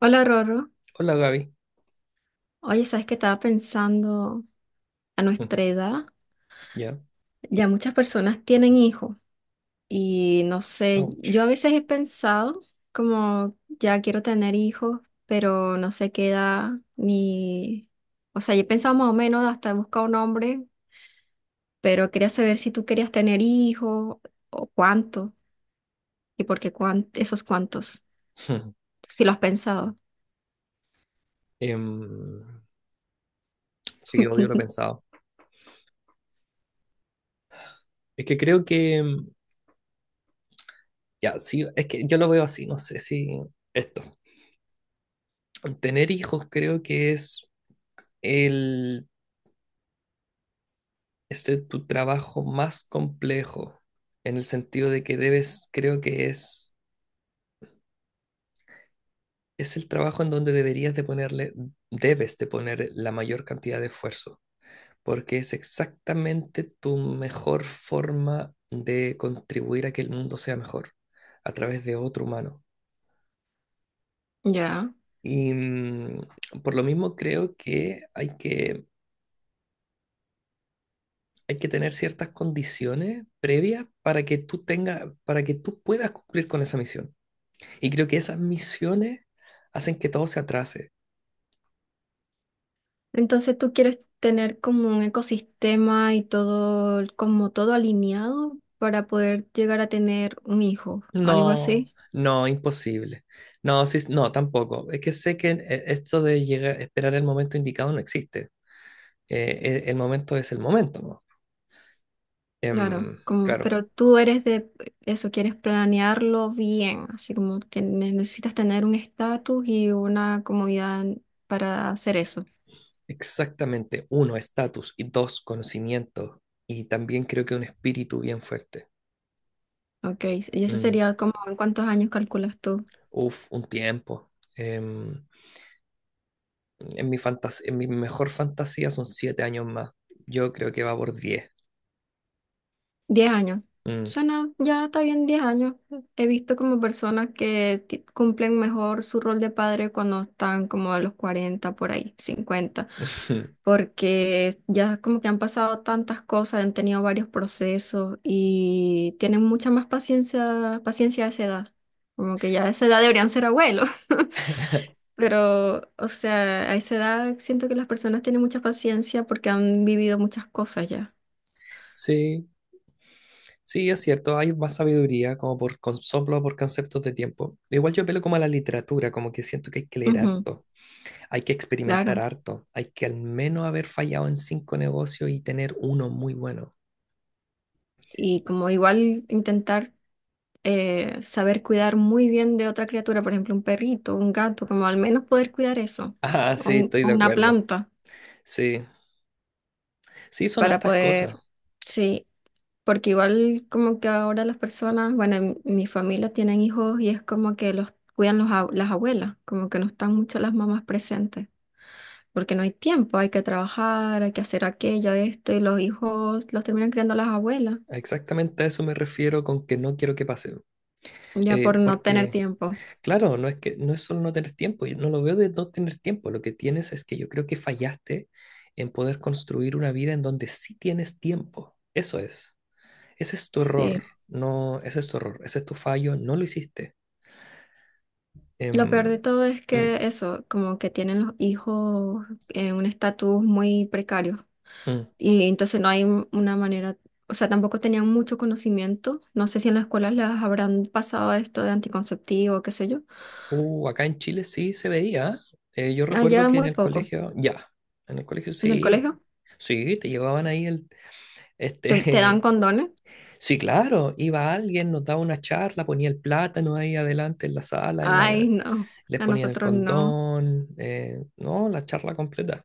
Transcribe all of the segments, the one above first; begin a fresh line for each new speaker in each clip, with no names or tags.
Hola Rorro,
Hola Gaby.
oye, ¿sabes que estaba pensando a nuestra edad?
Ya,
Ya muchas personas tienen hijos y no sé, yo a
ouch.
veces he pensado como ya quiero tener hijos, pero no sé qué edad ni... O sea, yo he pensado más o menos hasta he buscado un hombre, pero quería saber si tú querías tener hijos o cuánto y por qué esos cuántos, si lo has pensado.
Em, sí, obvio lo he pensado. Es que creo que, ya, sí, es que yo lo veo así, no sé si esto. Tener hijos creo que es el, tu trabajo más complejo, en el sentido de que debes, creo que es el trabajo en donde deberías de ponerle, debes de poner la mayor cantidad de esfuerzo, porque es exactamente tu mejor forma de contribuir a que el mundo sea mejor a través de otro humano.
Ya.
Y por lo mismo creo que hay que tener ciertas condiciones previas para que para que tú puedas cumplir con esa misión. Y creo que esas misiones hacen que todo se atrase.
Entonces tú quieres tener como un ecosistema y todo, como todo alineado para poder llegar a tener un hijo, algo
No,
así,
no, imposible. No, sí, no, tampoco. Es que sé que esto de llegar, esperar el momento indicado no existe. El momento es el momento, ¿no?
claro,
Em,
como,
claro,
pero tú eres de eso, quieres planearlo bien, así como que necesitas tener un estatus y una comodidad para hacer eso,
exactamente. Uno, estatus. Y dos, conocimiento. Y también creo que un espíritu bien fuerte.
ok, y eso
Mm,
sería como en cuántos años calculas tú.
uf, un tiempo. Em, en en mi mejor fantasía son 7 años más. Yo creo que va por 10.
10 años.
Mm.
Suena, ya está bien 10 años. He visto como personas que cumplen mejor su rol de padre cuando están como a los 40 por ahí, 50 porque ya como que han pasado tantas cosas, han tenido varios procesos y tienen mucha más paciencia, paciencia a esa edad. Como que ya a esa edad deberían ser abuelos. Pero, o sea, a esa edad siento que las personas tienen mucha paciencia porque han vivido muchas cosas ya.
Sí, sí, es cierto. Hay más sabiduría como soplo, por conceptos de tiempo. Igual yo apelo como a la literatura, como que siento que hay que leer
Ujú,
harto. Hay que experimentar
claro.
harto. Hay que al menos haber fallado en 5 negocios y tener uno muy bueno.
Y como igual intentar saber cuidar muy bien de otra criatura, por ejemplo, un perrito, un gato, como al menos poder cuidar eso,
Ah,
o,
sí,
un-
estoy
o
de
una
acuerdo.
planta
Sí, sí, son
para
hartas cosas.
poder, sí, porque igual como que ahora las personas, bueno, en mi familia tienen hijos y es como que los cuidan los las abuelas, como que no están mucho las mamás presentes. Porque no hay tiempo, hay que trabajar, hay que hacer aquello, esto, y los hijos los terminan criando las abuelas,
Exactamente a eso me refiero con que no quiero que pase.
ya por no tener
Porque,
tiempo.
claro, no es solo no tener tiempo. Yo no lo veo de no tener tiempo. Lo que tienes es que yo creo que fallaste en poder construir una vida en donde sí tienes tiempo. Eso es. Ese es tu error.
Sí.
No, ese es tu error. Ese es tu fallo. No lo hiciste.
Lo peor de
Em,
todo es
mm,
que eso, como que tienen los hijos en un estatus muy precario
mm.
y entonces no hay una manera, o sea, tampoco tenían mucho conocimiento. No sé si en las escuelas les habrán pasado esto de anticonceptivo, qué sé yo.
Acá en Chile sí se veía. ¿Eh? Yo recuerdo
Allá
que en
muy
el
poco.
colegio, ya, en el colegio
En el
sí,
colegio
sí, te llevaban ahí
te dan
este,
condones.
sí, claro, iba alguien, nos daba una charla, ponía el plátano ahí adelante en la sala, en la,
Ay, no,
les
a
ponían el
nosotros no.
condón, no, la charla completa.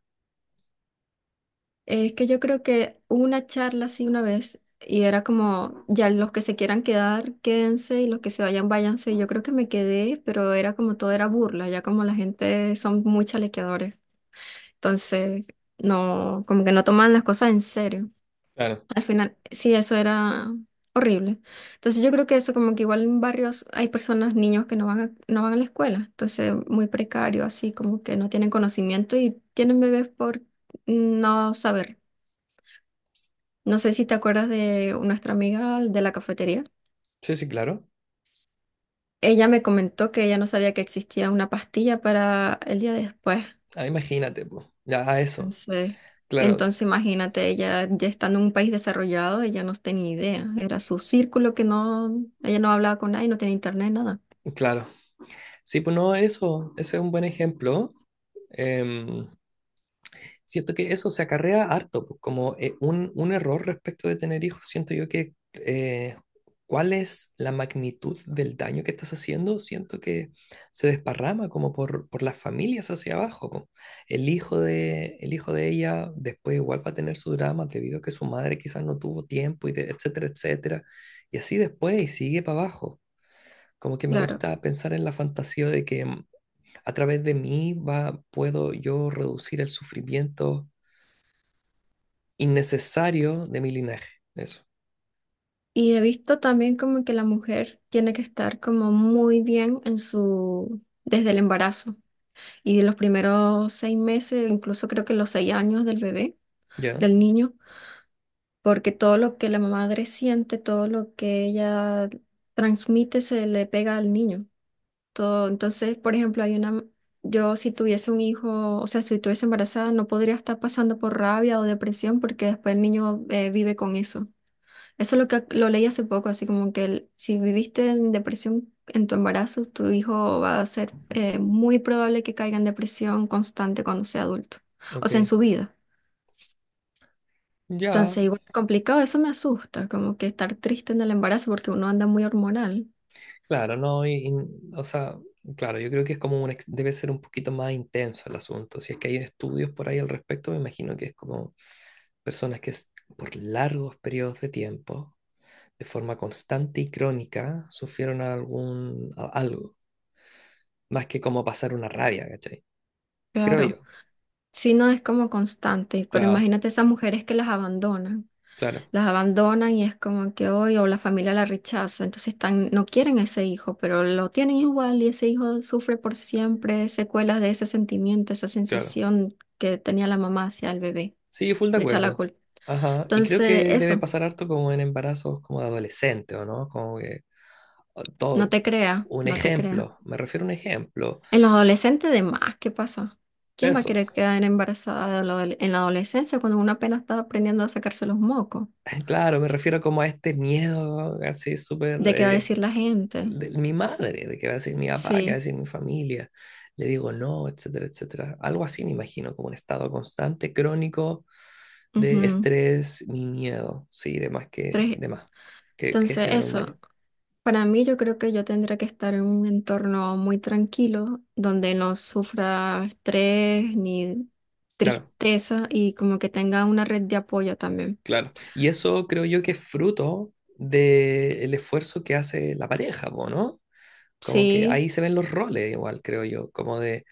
Es que yo creo que hubo una charla así una vez y era como, ya los que se quieran quedar, quédense y los que se vayan, váyanse. Y yo creo que me quedé, pero era como todo era burla, ya como la gente son muy chalequeadores. Entonces, no, como que no toman las cosas en serio.
Claro,
Al final, sí, eso era horrible. Entonces yo creo que eso como que igual en barrios hay personas, niños que no van a la escuela. Entonces, muy precario, así como que no tienen conocimiento y tienen bebés por no saber. No sé si te acuerdas de nuestra amiga de la cafetería.
sí, sí, claro.
Ella me comentó que ella no sabía que existía una pastilla para el día después.
Ah, imagínate, pues, ya eso,
Entonces,
claro,
entonces imagínate, ella ya estando en un país desarrollado, ella no tenía idea. Era su círculo que no, ella no hablaba con nadie, no tenía internet, nada.
claro. Sí, pues no, eso, ese es un buen ejemplo. Em, siento que eso se acarrea harto, pues, como un error respecto de tener hijos, siento yo que cuál es la magnitud del daño que estás haciendo, siento que se desparrama como por las familias hacia abajo. Po. El hijo de ella después igual va a tener su drama debido a que su madre quizás no tuvo tiempo, etcétera, etcétera. Y así después y sigue para abajo. Como que me
Claro.
gusta pensar en la fantasía de que a través de mí puedo yo reducir el sufrimiento innecesario de mi linaje. Eso.
Y he visto también como que la mujer tiene que estar como muy bien en su, desde el embarazo y de los primeros 6 meses, incluso creo que los 6 años del bebé,
Ya,
del niño porque todo lo que la madre siente, todo lo que ella transmite se le pega al niño. Todo, entonces, por ejemplo, hay una, yo si tuviese un hijo, o sea, si estuviese embarazada, no podría estar pasando por rabia o depresión porque después el niño vive con eso. Eso es lo que lo leí hace poco, así como que si viviste en depresión en tu embarazo, tu hijo va a ser muy probable que caiga en depresión constante cuando sea adulto, o
ok.
sea, en su vida.
Ya,
Entonces, igual es complicado, eso me asusta, como que estar triste en el embarazo porque uno anda muy hormonal.
claro, no, o sea, claro, yo creo que es como debe ser un poquito más intenso el asunto. Si es que hay estudios por ahí al respecto, me imagino que es como personas que s- por largos periodos de tiempo, de forma constante y crónica, sufrieron algo, más que como pasar una rabia, ¿cachai? Creo
Claro,
yo.
si no es como constante, pero
Claro,
imagínate esas mujeres que
claro,
las abandonan y es como que hoy o la familia la rechaza, entonces están, no quieren a ese hijo, pero lo tienen igual y ese hijo sufre por siempre secuelas de ese sentimiento, esa
claro.
sensación que tenía la mamá hacia el bebé,
Sí, full de
le echa la
acuerdo.
culpa.
Ajá. Y creo
Entonces,
que debe
eso,
pasar harto como en embarazos como de adolescente, ¿o no? Como que o
no
todo
te crea,
un
no te crea.
ejemplo, me refiero a un ejemplo.
En los adolescentes de más, ¿qué pasa? ¿Quién va a
Eso.
querer quedar embarazada de la en la adolescencia cuando uno apenas está aprendiendo a sacarse los mocos?
Claro, me refiero como a este miedo así súper
¿De qué va a decir la gente?
de mi madre, de qué va a decir mi papá, qué va a
Sí.
decir mi familia. Le digo no, etcétera, etcétera. Algo así me imagino, como un estado constante, crónico de
Ujú,
estrés, mi miedo, sí,
tres.
de más, que
Entonces,
genera un daño.
eso. Para mí, yo creo que yo tendría que estar en un entorno muy tranquilo, donde no sufra estrés ni
Claro.
tristeza y como que tenga una red de apoyo también.
Claro, y eso creo yo que es fruto del esfuerzo que hace la pareja, po, ¿no? Como que
Sí,
ahí se ven los roles igual, creo yo, como de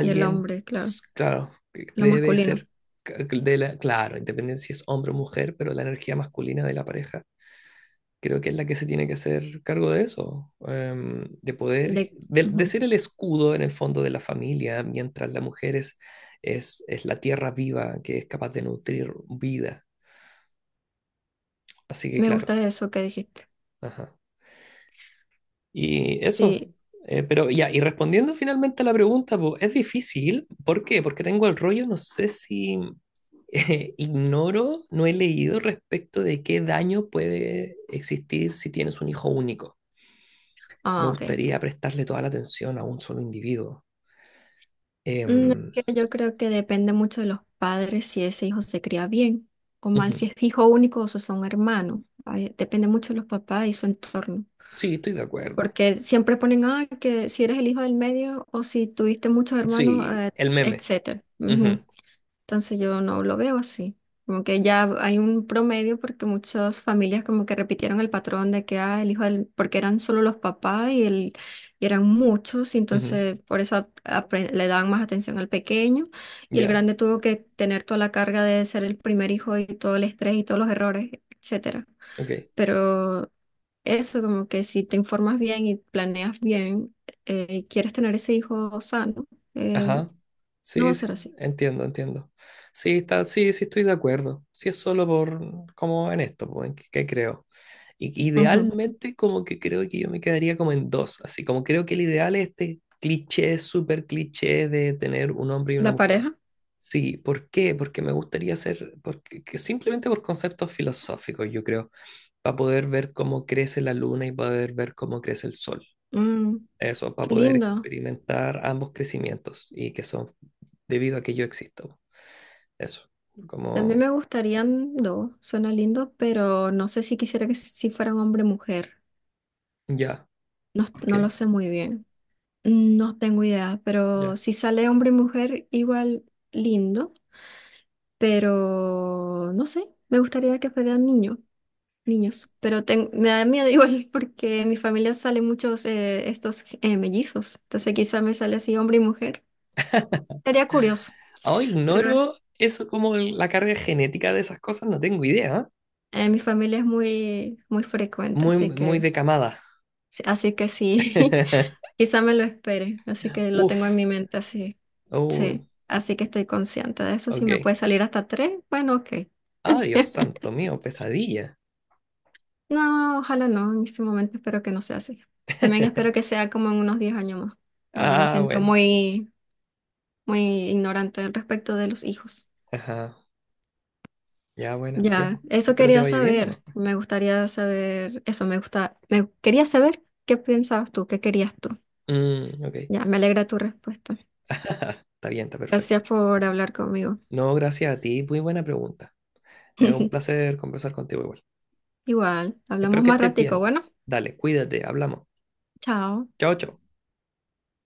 del hombre, claro,
claro, que
lo
debe
masculino.
ser, claro, independiente si es hombre o mujer, pero la energía masculina de la pareja creo que es la que se tiene que hacer cargo de eso, de poder,
De,
de
ujú.
ser el escudo en el fondo de la familia, mientras la mujer es, es la tierra viva que es capaz de nutrir vida. Así que
Me
claro.
gusta eso que dijiste.
Ajá. Y eso.
Sí,
Pero ya, y respondiendo finalmente a la pregunta, po, es difícil. ¿Por qué? Porque tengo el rollo, no sé si ignoro, no he leído respecto de qué daño puede existir si tienes un hijo único. Me
ah, ok.
gustaría prestarle toda la atención a un solo individuo.
Es
Em,
que yo creo que depende mucho de los padres si ese hijo se cría bien o mal,
ujú.
si es hijo único o si son hermanos. Ay, depende mucho de los papás y su entorno.
Sí, estoy de acuerdo.
Porque siempre ponen, ah, que si eres el hijo del medio o si tuviste muchos hermanos,
Sí, el meme.
etcétera.
Ujú,
Ujú. Entonces yo no lo veo así. Como que ya hay un promedio porque muchas familias como que repitieron el patrón de que ah, el hijo del, porque eran solo los papás y, el, y eran muchos, y
ujú.
entonces por eso le daban más atención al pequeño y el
Ya,
grande tuvo que tener toda la carga de ser el primer hijo y todo el estrés y todos los errores, etcétera.
ok.
Pero eso como que si te informas bien y planeas bien y quieres tener ese hijo sano, eh,
Ajá.
no va a
Sí, sí,
ser así.
entiendo, entiendo. Sí, está, sí, sí estoy de acuerdo. Sí es solo por, como en esto, pues, que creo.
Ujú.
Idealmente como que creo que yo me quedaría como en dos, así como creo que el ideal es este cliché, súper cliché de tener un hombre y una
La
mujer.
pareja.
Sí, ¿por qué? Porque me gustaría ser, porque, que simplemente por conceptos filosóficos, yo creo, para poder ver cómo crece la luna y poder ver cómo crece el sol.
Mm,
Eso, para
Qué
poder
lindo.
experimentar ambos crecimientos y que son debido a que yo existo. Eso,
También
como
me gustarían dos, suena lindo, pero no sé si quisiera que si fueran hombre y mujer.
ya,
No,
¿por
no lo
qué?
sé muy bien. No tengo idea, pero
Ya.
si sale hombre y mujer, igual lindo, pero no sé, me gustaría que fueran niños, niños, pero me da miedo igual porque en mi familia salen muchos estos mellizos, entonces quizá me sale así hombre y mujer. Sería curioso,
Ahora
pero
ignoro eso como la carga genética de esas cosas, no tengo idea.
en mi familia es muy, muy frecuente,
Muy,
así
muy
que...
de camada.
Sí, así que sí, quizá me lo espere, así que lo tengo en
Uf,
mi mente, así,
uy,
sí, así que estoy consciente de eso, si me
ok.
puede salir hasta tres, bueno, ok.
Ah, Dios santo mío, pesadilla.
No, ojalá no, en este momento espero que no sea así. También espero que sea como en unos 10 años más. Ahora me
Ah,
siento
bueno,
muy, muy ignorante al respecto de los hijos.
ajá, ya, bueno, ya.
Ya, eso
Espero te
quería
vaya bien nomás.
saber,
Pues.
me gustaría saber, eso me gusta, me quería saber qué pensabas tú, qué querías tú.
Mm, ok,
Ya, me alegra tu respuesta.
está bien, está perfecto.
Gracias por hablar conmigo.
No, gracias a ti, muy buena pregunta. Es un placer conversar contigo igual.
Igual,
Espero
hablamos
que
más
estés
ratico.
bien.
Bueno,
Dale, cuídate, hablamos.
chao.
Chao, chao.